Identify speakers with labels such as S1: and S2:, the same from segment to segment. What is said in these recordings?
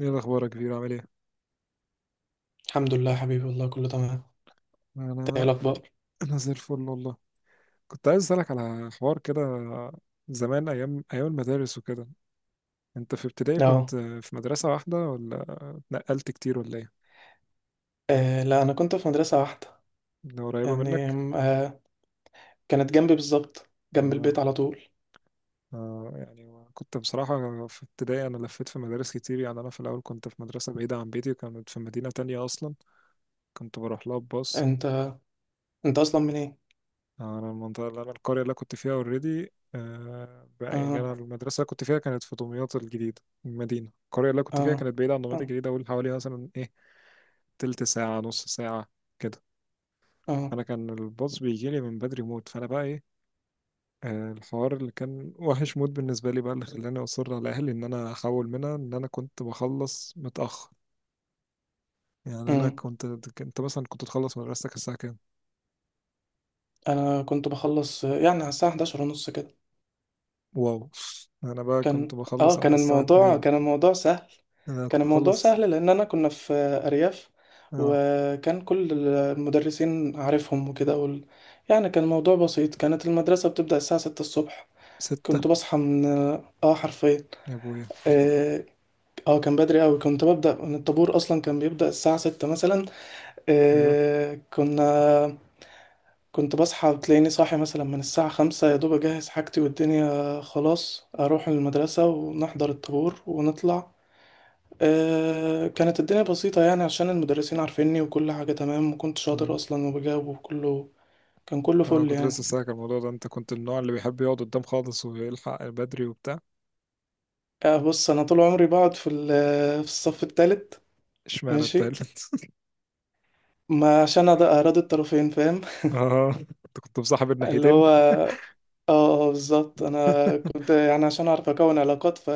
S1: ايه الاخبار يا كبير، عامل ايه؟
S2: الحمد لله يا حبيبي، والله كله تمام. انت ايه
S1: انا
S2: الاخبار؟
S1: انا زي الفل والله. كنت عايز اسالك على حوار كده، زمان، ايام ايام المدارس وكده. انت في ابتدائي
S2: اه.
S1: كنت في مدرسه واحده ولا اتنقلت كتير ولا ايه؟
S2: لا، انا كنت في مدرسه واحده.
S1: ده قريبه
S2: يعني
S1: منك؟
S2: آه، كانت جنبي بالظبط، جنب
S1: اه،
S2: البيت على طول.
S1: اه يعني. كنت بصراحه في ابتدائي انا لفيت في مدارس كتير، يعني انا في الاول كنت في مدرسه بعيده عن بيتي وكانت في مدينه تانية اصلا. كنت بروح لها بباص.
S2: انت انت اصلا منين؟
S1: انا المنطقه اللي انا القريه اللي أنا كنت فيها اوريدي بقى، يعني
S2: اه،
S1: انا المدرسه اللي كنت فيها كانت في دمياط الجديده، المدينه القريه اللي أنا كنت
S2: اه،
S1: فيها كانت بعيده عن دمياط
S2: اه،
S1: الجديده، اقول حوالي مثلا ايه، تلت ساعه، نص ساعه كده.
S2: اه.
S1: انا كان الباص بيجي لي من بدري موت، فانا بقى ايه، الحوار اللي كان وحش موت بالنسبه لي بقى اللي خلاني اصر على اهلي ان انا احول منها، ان انا كنت بخلص متاخر. يعني انا
S2: امم
S1: كنت مثلا، كنت تخلص مدرستك الساعه كام؟
S2: انا كنت بخلص، يعني على الساعه 11 ونص كده.
S1: واو! انا بقى كنت
S2: كان اه
S1: بخلص على
S2: كان
S1: الساعه
S2: الموضوع
S1: 2.
S2: كان الموضوع سهل.
S1: انا
S2: كان
S1: كنت
S2: الموضوع
S1: اخلص.
S2: سهل لان انا كنا في ارياف،
S1: اه،
S2: وكان كل المدرسين عارفهم وكده، يعني كان الموضوع بسيط. كانت المدرسه بتبدا الساعه 6 الصبح.
S1: ستة؟
S2: كنت بصحى من، اه، حرفيا،
S1: يا ابويا!
S2: اه، كان بدري قوي. كنت ببدأ من الطابور اصلا، كان بيبدأ الساعة ستة مثلا.
S1: ايوه.
S2: آه كنا كنت بصحى، بتلاقيني صاحي مثلا من الساعة خمسة، يا دوب اجهز حاجتي والدنيا خلاص، اروح المدرسة ونحضر الطابور ونطلع. كانت الدنيا بسيطة يعني، عشان المدرسين عارفيني وكل حاجة تمام، وكنت شاطر
S1: مم.
S2: اصلا وبجاوب وكله. كان كله
S1: انا
S2: فل
S1: كنت لسه
S2: يعني.
S1: ساكت الموضوع ده، انت كنت من النوع اللي بيحب يقعد قدام خالص ويلحق بدري وبتاع؟
S2: بص، انا طول عمري بقعد في الصف التالت.
S1: اشمعنى
S2: ماشي.
S1: التالت؟
S2: ما عشان أراضي الطرفين، فاهم؟
S1: اه، انت كنت مصاحب
S2: اللي
S1: الناحيتين.
S2: هو اه، بالظبط. انا كنت يعني عشان اعرف اكون علاقات،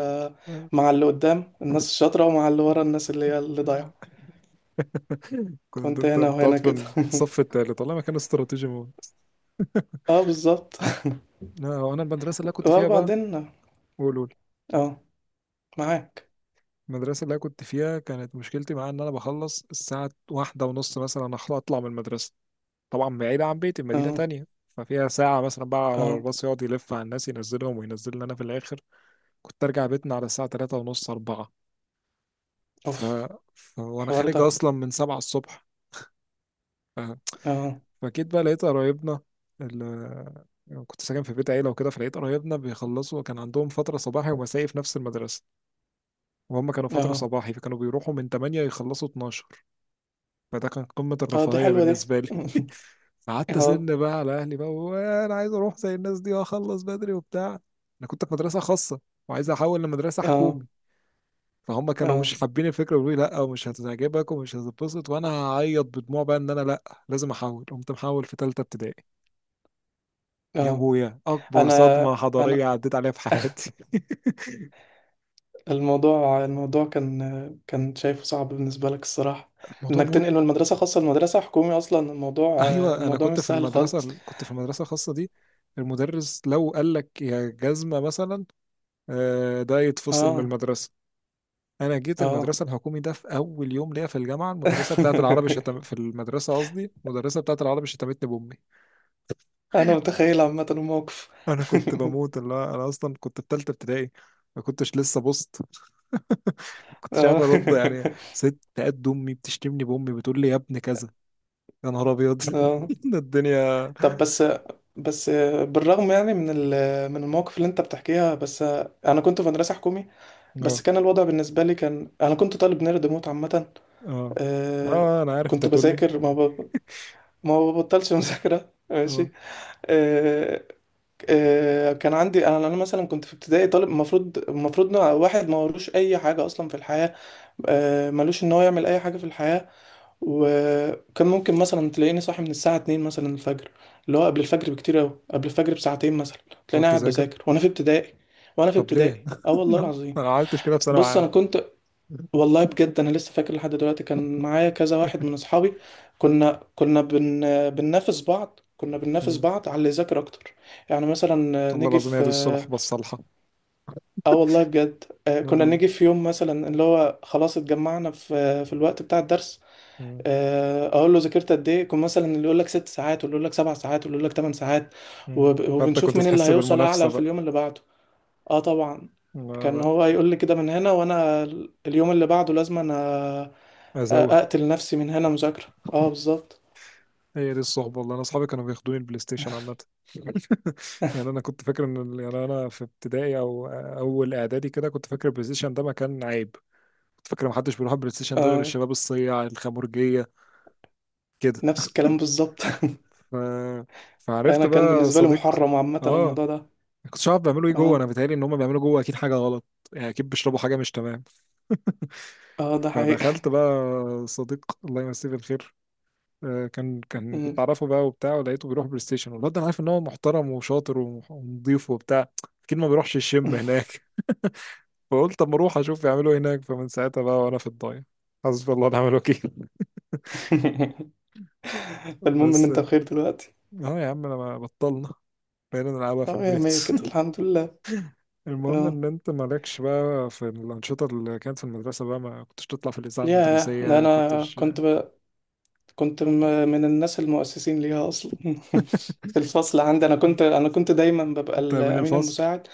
S2: مع اللي قدام الناس الشاطرة، ومع اللي ورا الناس اللي هي اللي ضايعة.
S1: كنت
S2: كنت
S1: انت
S2: هنا
S1: بتقعد
S2: وهنا كده
S1: في الصف التالت، والله ما كان استراتيجي موت.
S2: اه، بالظبط.
S1: لا، هو انا المدرسه اللي أنا كنت فيها بقى،
S2: وبعدين
S1: قول قول.
S2: اه. معاك.
S1: المدرسه اللي أنا كنت فيها كانت مشكلتي معاها ان انا بخلص الساعه 1:30 مثلا، اطلع من المدرسه طبعا بعيدة عن بيتي بمدينة
S2: اه،
S1: تانية، ففيها ساعة مثلا بقى على
S2: اه،
S1: الباص يقعد يلف على الناس ينزلهم وينزلني أنا في الآخر. كنت أرجع بيتنا على الساعة 3:30، أربعة. ف...
S2: اوف.
S1: وأنا
S2: الحوار
S1: خارج
S2: ده.
S1: أصلا من 7 الصبح. ف...
S2: اه،
S1: فأكيد بقى لقيت قرايبنا، ال... يعني كنت ساكن في بيت عيلة وكده، فلقيت قرايبنا بيخلصوا، كان عندهم فترة صباحي ومسائي في نفس المدرسة. وهم كانوا فترة
S2: اه،
S1: صباحي، فكانوا بيروحوا من 8 يخلصوا 12. فده كان قمة
S2: اه، دي
S1: الرفاهية
S2: حلوة دي
S1: بالنسبة لي. قعدت
S2: اه،
S1: أزن بقى على أهلي بقى وأنا عايز أروح زي الناس دي وأخلص بدري وبتاع. أنا كنت في مدرسة خاصة وعايز أحول لمدرسة
S2: اه،
S1: حكومي. فهم كانوا
S2: اه،
S1: مش حابين الفكرة، بيقولوا لي لأ ومش هتعجبك ومش هتتبسط، وأنا هعيط بدموع بقى إن أنا لأ، لازم أحول. قمت محول في تالتة ابتدائي. يا
S2: اه.
S1: أبويا! أكبر
S2: انا
S1: صدمة حضارية
S2: انا
S1: عديت عليها في حياتي.
S2: الموضوع كان شايفه صعب بالنسبة لك الصراحة،
S1: الموضوع
S2: انك
S1: موت.
S2: تنقل من مدرسة خاصة لمدرسة حكومي. اصلا الموضوع
S1: ايوه، انا
S2: الموضوع
S1: كنت
S2: مش
S1: في
S2: سهل خالص.
S1: المدرسه، كنت في المدرسه الخاصه دي المدرس لو قال لك يا جزمه مثلا، ده يتفصل من
S2: اه،
S1: المدرسه. انا جيت
S2: اه.
S1: المدرسه الحكومي ده في اول يوم ليا في الجامعه، المدرسه بتاعه العربي شتم في المدرسه، قصدي المدرسه بتاعه العربي شتمتني بامي.
S2: انا متخيل عامة الموقف.
S1: انا كنت بموت، اللي هو انا اصلا كنت في ثالثه ابتدائي، ما كنتش لسه بوست، ما كنتش عارف
S2: اه،
S1: ارد يعني. ست قد امي بتشتمني بامي، بتقول لي يا ابن كذا. يا نهار ابيض!
S2: اه،
S1: ده الدنيا.
S2: طب بس. بس بالرغم يعني من المواقف اللي انت بتحكيها، بس انا كنت في مدرسة حكومي. بس
S1: اه،
S2: كان الوضع بالنسبة لي، كان انا كنت طالب نيرد موت عامة.
S1: اه،
S2: آه،
S1: اه انا عارف انت
S2: كنت
S1: هتقول لي.
S2: بذاكر، ما ببطلش مذاكرة.
S1: اه،
S2: ماشي. آه، كان عندي، انا مثلا كنت في ابتدائي طالب، المفروض إن واحد ما وروش اي حاجه اصلا في الحياه. ملوش ان هو يعمل اي حاجه في الحياه. وكان ممكن مثلا تلاقيني صاحي من الساعه 2 مثلا الفجر، اللي هو قبل الفجر بكتير قوي، قبل الفجر بساعتين مثلا.
S1: تقعد
S2: تلاقيني قاعد
S1: تذاكر.
S2: بذاكر وانا في ابتدائي. وانا في
S1: طب ليه؟
S2: ابتدائي، اه، والله
S1: انا
S2: العظيم.
S1: ما عملتش كده في ثانوي
S2: بص، انا
S1: عام.
S2: كنت. والله بجد انا لسه فاكر لحد دلوقتي، كان معايا كذا واحد من اصحابي. كنا بننافس بعض كنا بننافس
S1: مم.
S2: بعض على اللي يذاكر اكتر. يعني مثلا
S1: والله
S2: نيجي
S1: العظيم هي
S2: في،
S1: دي الصلح بس صالحه.
S2: اه، والله بجد. كنا نيجي في يوم مثلا، اللي هو خلاص اتجمعنا في في الوقت بتاع الدرس.
S1: مم.
S2: اقول له ذاكرت قد ايه، يكون مثلا اللي يقول لك ست ساعات، واللي يقول لك سبع ساعات، واللي يقول لك ثمان ساعات.
S1: مم. فانت
S2: وبنشوف
S1: كنت
S2: مين اللي
S1: تحس
S2: هيوصل
S1: بالمنافسه
S2: اعلى في
S1: بقى؟
S2: اليوم اللي بعده. اه، طبعا.
S1: لا، لا،
S2: كان هو يقول لي كده من هنا، وانا اليوم اللي بعده لازم انا
S1: ازوه.
S2: اقتل نفسي من هنا مذاكرة. اه، بالظبط.
S1: هي دي الصحبه، والله انا اصحابي كانوا بياخدوني البلاي ستيشن عامه. يعني انا كنت فاكر ان يعني انا في ابتدائي او اول اعدادي كده كنت فاكر البلاي ستيشن ده مكان عيب. كنت فاكر ما حدش بيروح البلاي ستيشن ده غير
S2: اه،
S1: الشباب الصياع الخمرجيه كده.
S2: نفس الكلام بالظبط.
S1: ف... فعرفت
S2: انا كان
S1: بقى
S2: بالنسبة لي
S1: صديق.
S2: محرم عامة
S1: اه،
S2: الموضوع ده.
S1: ما كنتش عارف بيعملوا ايه جوه، انا
S2: اه،
S1: بيتهيألي ان هم بيعملوا جوه اكيد حاجه غلط. يعني اكيد بيشربوا حاجه مش تمام.
S2: اه، ده حقيقي.
S1: فدخلت بقى، صديق الله يمسيه بالخير، كان كنت
S2: مم.
S1: اعرفه بقى وبتاع، ولقيته بيروح بلاي ستيشن، والواد ده انا عارف ان هو محترم وشاطر ونضيف وبتاع. اكيد ما بيروحش الشم هناك. فقلت اما اروح اشوف يعملوا ايه هناك، فمن ساعتها بقى وانا في الضايع. حسبي الله ونعم الوكيل.
S2: المهم ان
S1: بس.
S2: انت
S1: اه
S2: بخير دلوقتي.
S1: يا عم انا بطلنا، بقينا نلعبها في
S2: اه يا
S1: البيت.
S2: مية كده، الحمد لله.
S1: المهم
S2: اه
S1: ان انت مالكش بقى في الانشطه اللي كانت في المدرسه بقى، ما كنتش تطلع في الاذاعه
S2: يا ده،
S1: المدرسيه؟ كنتش
S2: كنت من الناس المؤسسين ليها اصلا في الفصل عندي، انا كنت دايما ببقى
S1: كنت امين
S2: الامين
S1: الفصل.
S2: المساعد.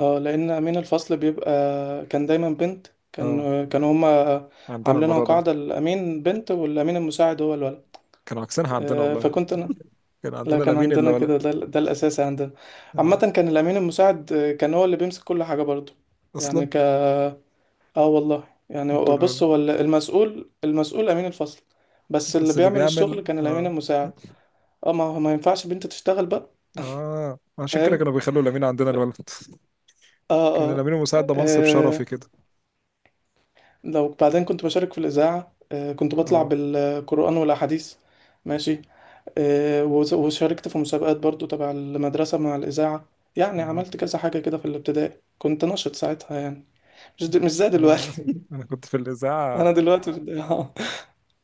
S2: اه، لان امين الفصل بيبقى كان دايما بنت.
S1: اه،
S2: كانوا هما
S1: عندنا
S2: عاملينها
S1: الموضوع ده،
S2: قاعده، الامين بنت والامين المساعد هو الولد.
S1: كانوا عكسينها عندنا والله،
S2: فكنت انا.
S1: كان
S2: لا،
S1: عندنا
S2: كان
S1: الامين اللي
S2: عندنا كده.
S1: ولد.
S2: ده الاساسي عندنا. عامه
S1: اه،
S2: كان الامين المساعد كان هو اللي بيمسك كل حاجه برضه. يعني
S1: اصلا.
S2: ك اه، والله يعني.
S1: انتوا
S2: وبص،
S1: اللي،
S2: هو المسؤول، امين الفصل، بس اللي
S1: بس اللي
S2: بيعمل الشغل
S1: بيعمل،
S2: كان الامين
S1: اه.
S2: المساعد. اه ما هو ما ينفعش بنت تشتغل بقى.
S1: اه، عشان كده
S2: فاهم.
S1: كانوا بيخلوا لامين عندنا الولد.
S2: اه،
S1: كان
S2: اه.
S1: لامين مساعد ده منصب شرفي
S2: آه،
S1: كده.
S2: لو بعدين كنت بشارك في الإذاعة، كنت بطلع
S1: اه،
S2: بالقرآن والأحاديث. ماشي. وشاركت في مسابقات برضو تبع المدرسة مع الإذاعة. يعني
S1: اه.
S2: عملت كذا حاجة كده في الابتدائي، كنت نشط ساعتها يعني. مش زي دلوقتي.
S1: انا انا كنت في الاذاعه،
S2: أنا دلوقتي في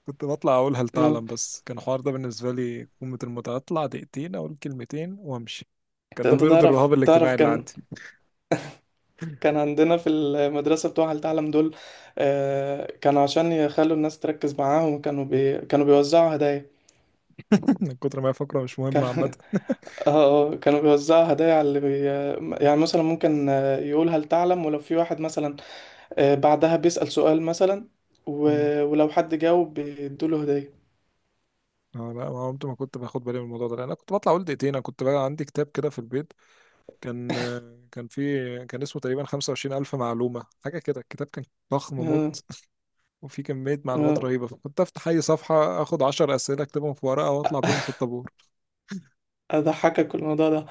S1: كنت بطلع اقول هل
S2: آه.
S1: تعلم، بس كان الحوار ده بالنسبه لي قمه المتعه، اطلع دقيقتين اقول كلمتين وامشي. كان ده
S2: أنت
S1: بيرضي
S2: تعرف
S1: الرهاب الاجتماعي
S2: تعرف
S1: اللي
S2: كان
S1: عندي.
S2: كان عندنا في المدرسة بتوع هل تعلم دول. كانوا عشان يخلوا الناس تركز معاهم، كانوا بيوزعوا هدايا.
S1: من كتر ما هي فقره مش
S2: كان
S1: مهمه عامه.
S2: اه، كانوا بيوزعوا هدايا على يعني مثلا ممكن يقول هل تعلم، ولو في واحد مثلا بعدها بيسأل سؤال مثلا، و...
S1: مم.
S2: ولو حد جاوب بيدوله هدية.
S1: اه لا، ما عمت ما كنت باخد بالي من الموضوع ده لأن انا كنت بطلع اقول دقيقتين. انا كنت بقى عندي كتاب كده في البيت، كان كان في كان اسمه تقريبا 25,000 معلومة حاجة كده. الكتاب كان ضخم
S2: اه،
S1: موت، وفي كمية معلومات
S2: اه.
S1: رهيبة. فكنت أفتح أي صفحة أخد 10 أسئلة أكتبهم في ورقة وأطلع بيهم في الطابور.
S2: أضحكك الموضوع ده.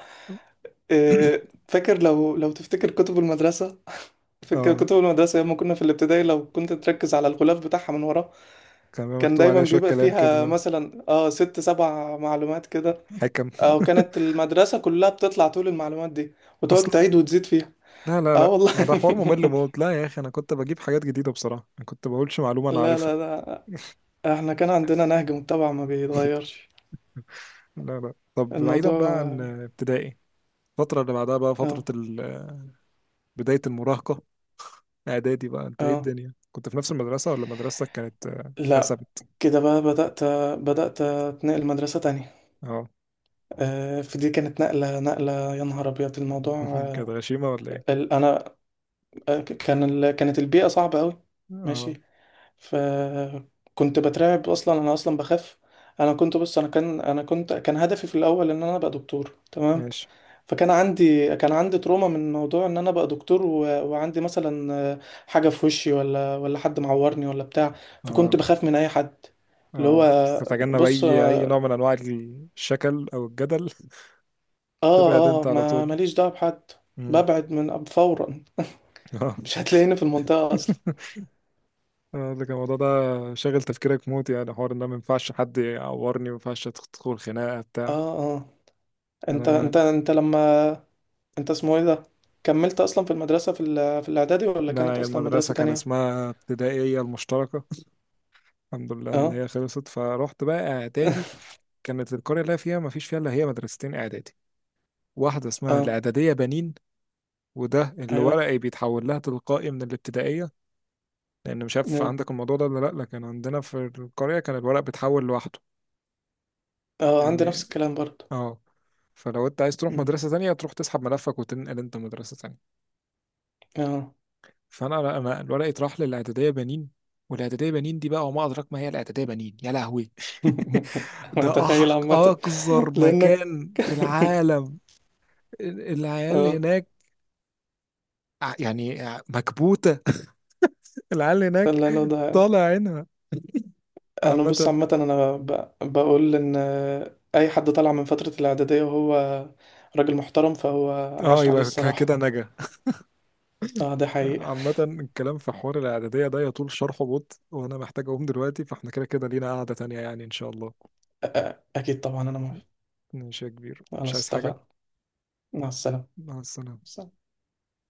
S2: آه، فاكر، لو تفتكر كتب المدرسة؟ فاكر
S1: اه،
S2: كتب المدرسة لما كنا في الابتدائي، لو كنت تركز على الغلاف بتاعها من ورا؟
S1: كان بيبقى
S2: كان
S1: مكتوب
S2: دايما
S1: عليها شوية
S2: بيبقى
S1: كلام
S2: فيها
S1: كده،
S2: مثلا، اه، ست سبع معلومات كده،
S1: حكم.
S2: او كانت المدرسة كلها بتطلع طول المعلومات دي وتقعد
S1: أصلا.
S2: تعيد وتزيد فيها.
S1: لا، لا،
S2: اه،
S1: لا،
S2: والله.
S1: ما ده حوار ممل موت، لا يا أخي أنا كنت بجيب حاجات جديدة بصراحة، ما كنت بقولش معلومة أنا
S2: لا،
S1: عارفها.
S2: لا، لا، احنا كان عندنا نهج متبع ما بيتغيرش
S1: لا، لا، طب بعيدا
S2: الموضوع.
S1: بقى عن
S2: اه،
S1: ابتدائي، الفترة اللي بعدها بقى فترة
S2: اه.
S1: بداية المراهقة. اعدادي بقى، انت ايه
S2: آه.
S1: الدنيا، كنت في نفس المدرسة ولا مدرستك كانت
S2: لا،
S1: اتقسمت؟
S2: كده بقى بدأت اتنقل مدرسة تانية.
S1: اه.
S2: فدي كانت نقلة، نقلة يا نهار أبيض الموضوع.
S1: كانت غشيمة ولا ايه؟
S2: أنا، كان كانت البيئة صعبة أوي.
S1: اه،
S2: ماشي. فكنت بترعب أصلا، أنا أصلا بخاف. أنا كنت بص أنا كان أنا كنت كان هدفي في الأول إن أنا أبقى دكتور، تمام.
S1: ماشي.
S2: فكان عندي تروما من موضوع ان انا بقى دكتور، وعندي مثلا حاجه في وشي، ولا حد معورني ولا بتاع. فكنت
S1: اه،
S2: بخاف من اي حد، اللي هو
S1: اه، تتجنب
S2: بص،
S1: اي نوع
S2: اه،
S1: من انواع الشكل او الجدل. تبعد
S2: اه.
S1: انت على
S2: ما
S1: طول.
S2: ماليش دعوه بحد.
S1: مم.
S2: ببعد من فورا.
S1: اه.
S2: مش هتلاقيني في المنطقه اصلا.
S1: لكن الموضوع ده شاغل تفكيرك موت، يعني حوار ان أنا ما ينفعش حد يعورني، ما ينفعش تدخل خناقه بتاع
S2: اه، اه.
S1: يعني
S2: انت انت
S1: انا.
S2: انت لما انت اسمه ايه ده، كملت اصلا في المدرسه في الاعدادي، ولا
S1: لا
S2: كانت
S1: هي
S2: اصلا مدرسه
S1: المدرسه كان
S2: تانية؟
S1: اسمها ابتدائيه المشتركه. الحمد لله ان
S2: اه
S1: هي خلصت، فروحت بقى اعدادي. كانت القرية اللي أنا فيها مفيش فيها إلا هي مدرستين إعدادي، واحدة اسمها
S2: اه،
S1: الإعدادية بنين، وده اللي
S2: ايوه،
S1: ورقي بيتحول لها تلقائي من الابتدائية، لأن مش عارف
S2: اه.
S1: عندك الموضوع ده ولا لأ، لكن عندنا في القرية كان الورق بيتحول لوحده
S2: عندي نفس
S1: يعني.
S2: الكلام برضه.
S1: اه. فلو انت عايز تروح
S2: مم.
S1: مدرسة تانية تروح تسحب ملفك وتنقل انت مدرسة تانية.
S2: اه،
S1: فانا لا، انا الورق اتراح للاعدادية بنين. والاعدادية بنين دي بقى وما ادراك ما هي الاعدادية بنين، يا لهوي!
S2: انا
S1: ده
S2: متخيل عامة.
S1: اقذر
S2: لانك
S1: مكان في العالم. العيال
S2: اه،
S1: هناك، يعني مكبوتة. العيال هناك
S2: لا، لا، ده.
S1: طالع عينها،
S2: انا
S1: عامة.
S2: بص عامة، بقول ان اي حد طلع من فترة الاعدادية وهو راجل محترم، فهو
S1: اه،
S2: عاش عليه
S1: يبقى
S2: الصراحة.
S1: كده نجا.
S2: اه، ده حقيقة.
S1: عامة الكلام في حوار الإعدادية ده يطول شرحه بط، وأنا محتاج أقوم دلوقتي، فاحنا كده كده لينا قعدة تانية يعني إن شاء الله.
S2: اكيد طبعا، انا موافق.
S1: ماشي يا كبير، مش
S2: خلاص
S1: عايز حاجة؟
S2: اتفقنا. مع السلامة.
S1: مع السلامة.